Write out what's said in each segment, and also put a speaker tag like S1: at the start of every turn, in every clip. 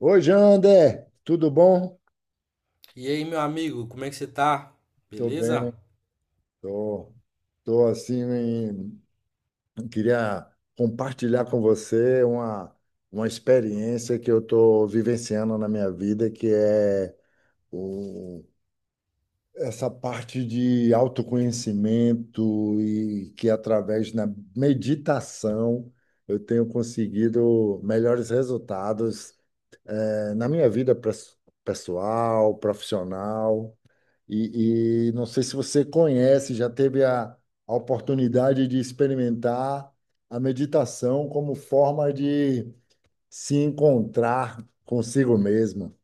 S1: Oi, Jander, tudo bom?
S2: E aí, meu amigo, como é que você tá?
S1: Tô
S2: Beleza?
S1: bem, tô, tô assim, queria compartilhar com você uma experiência que eu tô vivenciando na minha vida, que é o, essa parte de autoconhecimento e que através da meditação eu tenho conseguido melhores resultados, na minha vida pessoal, profissional. E não sei se você conhece, já teve a oportunidade de experimentar a meditação como forma de se encontrar consigo mesmo.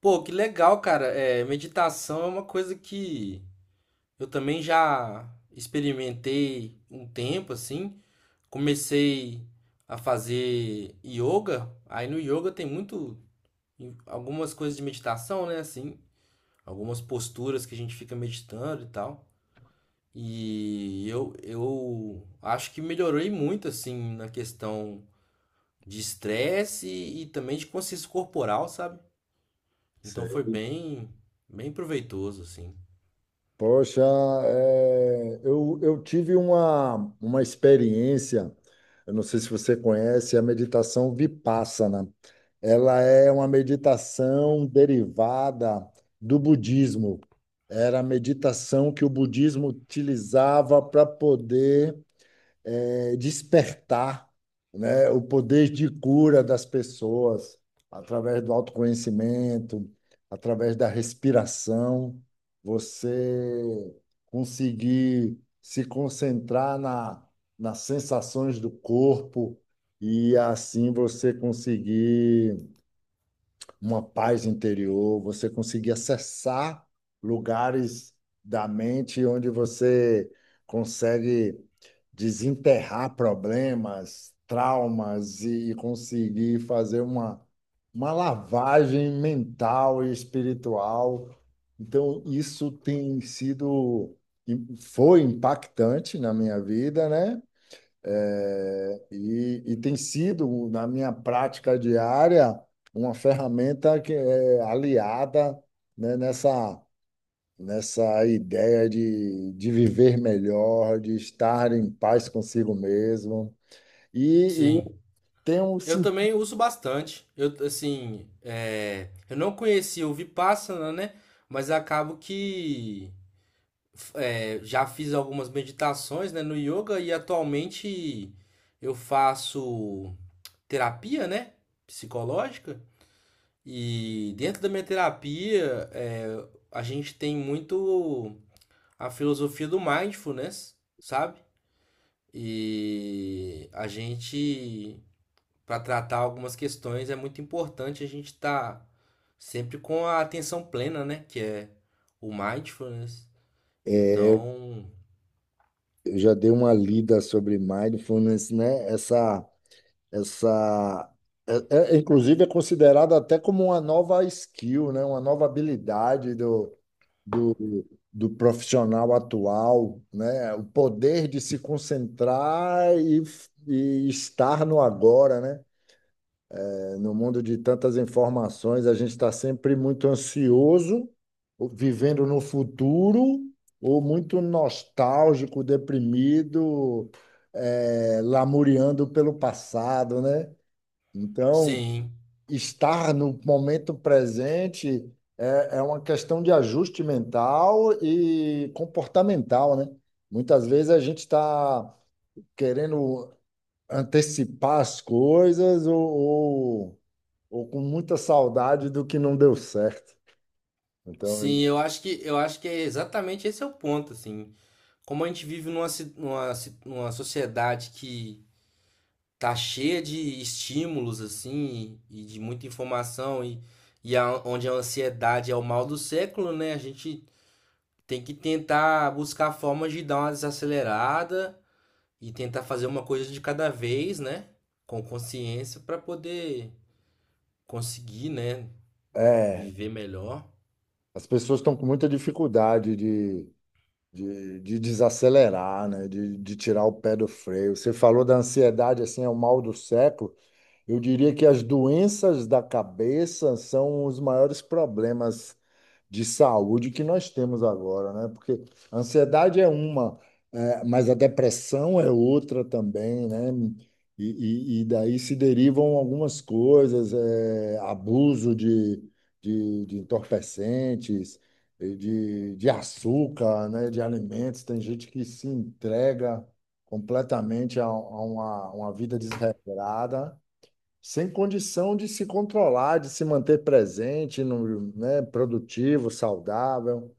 S2: Pô, que legal, cara. É, meditação é uma coisa que eu também já experimentei um tempo, assim. Comecei a fazer yoga. Aí no yoga tem muito algumas coisas de meditação, né? Assim, algumas posturas que a gente fica meditando e tal. E eu acho que melhorei muito, assim, na questão de estresse e também de consciência corporal, sabe? Então foi
S1: Sei.
S2: bem, bem proveitoso, assim.
S1: Poxa, eu tive uma experiência, eu não sei se você conhece, a meditação Vipassana. Ela é uma meditação derivada do budismo. Era a meditação que o budismo utilizava para poder despertar, né, o poder de cura das pessoas através do autoconhecimento, através da respiração. Você conseguir se concentrar nas sensações do corpo e assim você conseguir uma paz interior, você conseguir acessar lugares da mente onde você consegue desenterrar problemas, traumas e conseguir fazer uma lavagem mental e espiritual. Então, isso tem sido, foi impactante na minha vida, né? É, e tem sido, na minha prática diária, uma ferramenta que é aliada, né, nessa ideia de viver melhor, de estar em paz consigo mesmo. E
S2: Sim.
S1: tem um,
S2: Eu
S1: sim,
S2: também uso bastante. Eu, assim, é, eu não conhecia o Vipassana, né? Mas acabo que é, já fiz algumas meditações, né, no yoga e atualmente eu faço terapia, né, psicológica. E dentro da minha terapia, é, a gente tem muito a filosofia do mindfulness, sabe? E a gente, para tratar algumas questões, é muito importante a gente estar sempre com a atenção plena, né? Que é o mindfulness.
S1: é,
S2: Então,
S1: eu já dei uma lida sobre mindfulness, né? Essa, inclusive, é considerada até como uma nova skill, né? Uma nova habilidade do, do profissional atual, né? O poder de se concentrar e estar no agora, né? No mundo de tantas informações, a gente está sempre muito ansioso, ou vivendo no futuro, ou muito nostálgico, deprimido, lamuriando pelo passado, né? Então,
S2: sim,
S1: estar no momento presente é uma questão de ajuste mental e comportamental, né? Muitas vezes a gente está querendo antecipar as coisas ou com muita saudade do que não deu certo. Então,
S2: sim, eu acho que é exatamente esse é o ponto, assim. Como a gente vive numa sociedade que tá cheia de estímulos, assim, e de muita informação, e onde a ansiedade é o mal do século, né? A gente tem que tentar buscar formas de dar uma desacelerada e tentar fazer uma coisa de cada vez, né? Com consciência para poder conseguir, né,
S1: é,
S2: viver melhor.
S1: as pessoas estão com muita dificuldade de desacelerar, né? De tirar o pé do freio. Você falou da ansiedade, assim, é o mal do século. Eu diria que as doenças da cabeça são os maiores problemas de saúde que nós temos agora, né? Porque a ansiedade é uma, eh, mas a depressão é outra também, né? E daí se derivam algumas coisas, eh, abuso de entorpecentes, eh, de açúcar, né? De alimentos. Tem gente que se entrega completamente a uma vida desregrada sem condição de se controlar, de se manter presente, né, produtivo, saudável.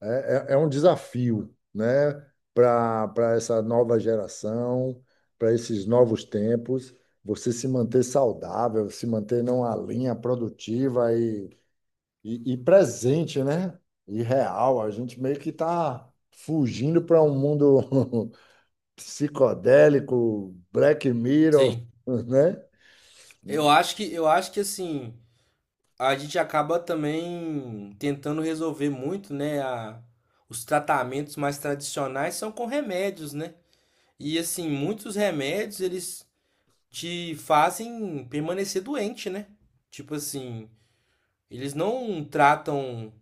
S1: É um desafio, né, para para essa nova geração, para esses novos tempos, você se manter saudável, se manter numa linha produtiva e presente, né? E real. A gente meio que está fugindo para um mundo psicodélico, Black Mirror,
S2: Sim.
S1: né?
S2: Eu acho que assim, a gente acaba também tentando resolver muito, né, os tratamentos mais tradicionais são com remédios, né? E assim, muitos remédios eles te fazem permanecer doente, né? Tipo assim, eles não tratam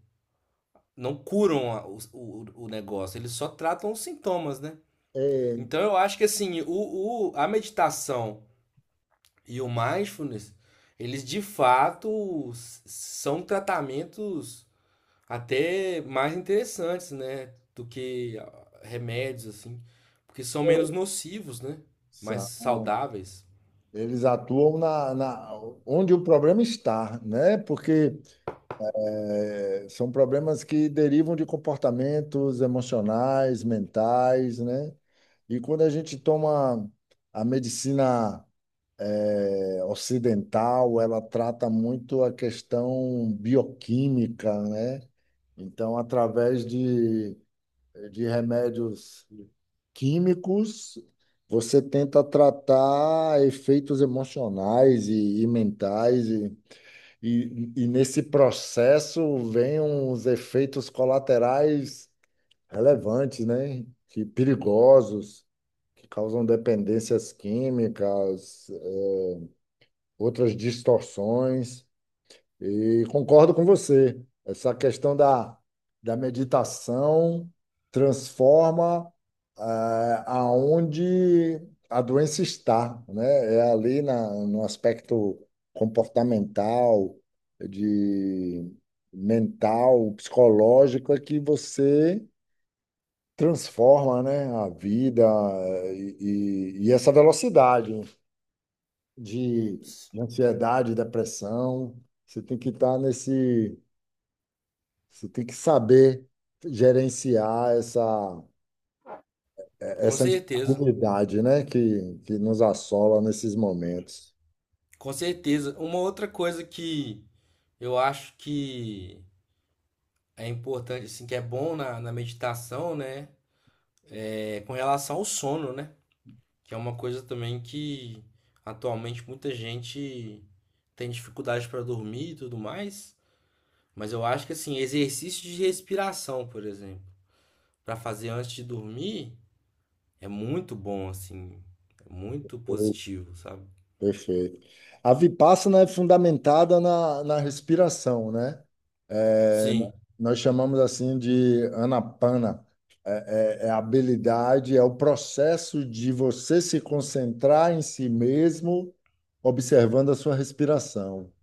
S2: não curam o negócio, eles só tratam os sintomas, né?
S1: É,
S2: Então eu acho que assim, a meditação e o mindfulness, eles de fato são tratamentos até mais interessantes, né? Do que ah, remédios, assim, porque são menos
S1: é
S2: nocivos, né? Mais
S1: São.
S2: saudáveis.
S1: Eles atuam onde o problema está, né? Porque eh, são problemas que derivam de comportamentos emocionais, mentais, né? E quando a gente toma a medicina eh, ocidental, ela trata muito a questão bioquímica, né? Então, através de remédios químicos, você tenta tratar efeitos emocionais e mentais, e nesse processo vem uns efeitos colaterais relevantes, né? Que perigosos, que causam dependências químicas, outras distorções. E concordo com você. Essa questão da meditação transforma ah, aonde a doença está, né? É ali no aspecto comportamental, de mental, psicológico, é que você transforma, né, a vida eh, e essa velocidade de
S2: S-
S1: ansiedade, depressão. Você tem que estar nesse você tem que saber gerenciar
S2: Com
S1: essa
S2: certeza,
S1: instabilidade, né, que nos assola nesses momentos.
S2: com certeza. Uma outra coisa que eu acho que é importante, assim, que é bom na meditação, né? É com relação ao sono, né? Que é uma coisa também que atualmente muita gente tem dificuldade para dormir e tudo mais. Mas eu acho que assim, exercício de respiração, por exemplo, para fazer antes de dormir é muito bom, assim, é muito
S1: Per-
S2: positivo, sabe?
S1: Perfeito. A Vipassana é fundamentada na respiração, né? É,
S2: Sim,
S1: nós chamamos assim de anapana. É a habilidade, é o processo de você se concentrar em si mesmo, observando a sua respiração.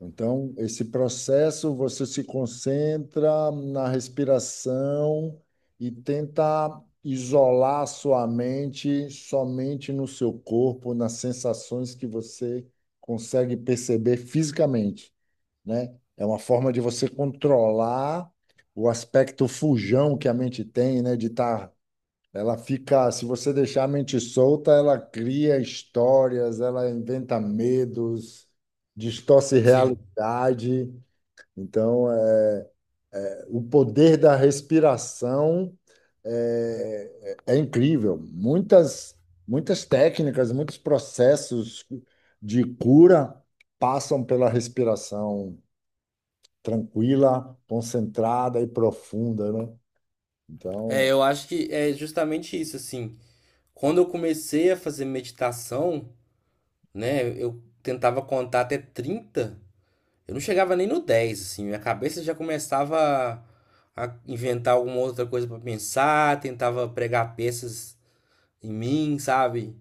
S1: Então, esse processo você se concentra na respiração e tenta isolar a sua mente somente no seu corpo, nas sensações que você consegue perceber fisicamente, né? É uma forma de você controlar o aspecto fujão que a mente tem, né? De estar ela fica, se você deixar a mente solta, ela cria histórias, ela inventa medos, distorce
S2: sim.
S1: realidade. Então, é, o poder da respiração é incrível. Muitas, muitas técnicas, muitos processos de cura passam pela respiração tranquila, concentrada e profunda, né?
S2: É,
S1: Então,
S2: eu acho que é justamente isso, assim. Quando eu comecei a fazer meditação, né, eu tentava contar até 30. Eu não chegava nem no 10, assim, minha cabeça já começava a inventar alguma outra coisa pra pensar, tentava pregar peças em mim, sabe?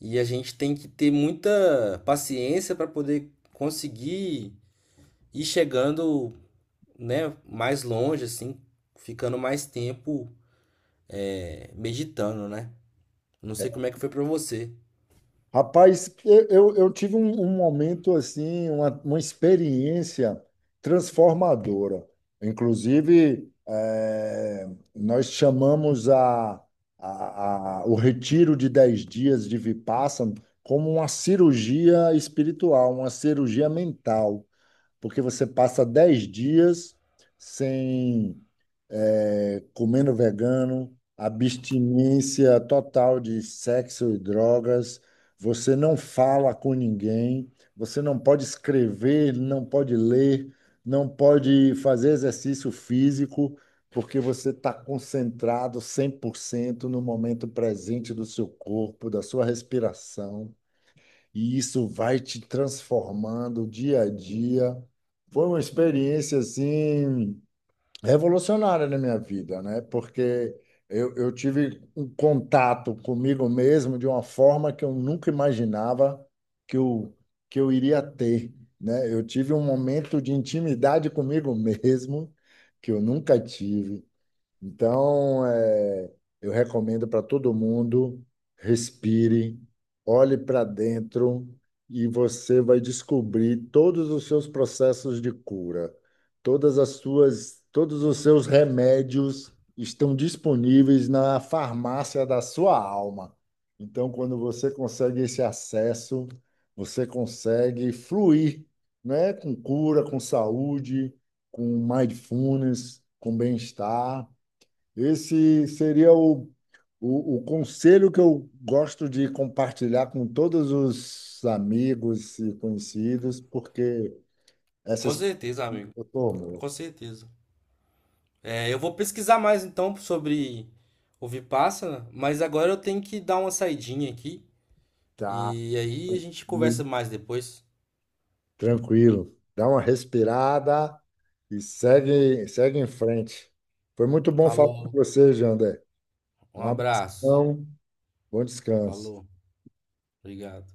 S2: E a gente tem que ter muita paciência pra poder conseguir ir chegando, né, mais longe, assim, ficando mais tempo é, meditando, né? Não sei como é que foi pra você.
S1: Rapaz, eu tive um momento assim, uma experiência transformadora. Inclusive, eh, nós chamamos o retiro de 10 dias de Vipassana como uma cirurgia espiritual, uma cirurgia mental, porque você passa 10 dias sem é, comendo vegano, abstinência total de sexo e drogas, você não fala com ninguém, você não pode escrever, não pode ler, não pode fazer exercício físico, porque você está concentrado 100% no momento presente do seu corpo, da sua respiração, e isso vai te transformando dia a dia. Foi uma experiência assim revolucionária na minha vida, né? Porque eu tive um contato comigo mesmo de uma forma que eu nunca imaginava que eu, que eu iria ter, né? Eu tive um momento de intimidade comigo mesmo que eu nunca tive. Então, é, eu recomendo para todo mundo, respire, olhe para dentro e você vai descobrir todos os seus processos de cura. Todos os seus remédios estão disponíveis na farmácia da sua alma. Então, quando você consegue esse acesso, você consegue fluir, né? Com cura, com saúde, com mindfulness, com bem-estar. Esse seria o conselho que eu gosto de compartilhar com todos os amigos e conhecidos, porque
S2: Com
S1: essas
S2: certeza, amigo.
S1: eu tomo,
S2: Com certeza. É, eu vou pesquisar mais então sobre o Vipassana, mas agora eu tenho que dar uma saidinha aqui
S1: tá
S2: e aí a gente conversa
S1: muito
S2: mais depois.
S1: tranquilo. Dá uma respirada e segue, segue em frente. Foi muito bom falar com
S2: Falou,
S1: você, Jandé.
S2: um
S1: Um
S2: abraço.
S1: abração, bom descanso.
S2: Falou, obrigado.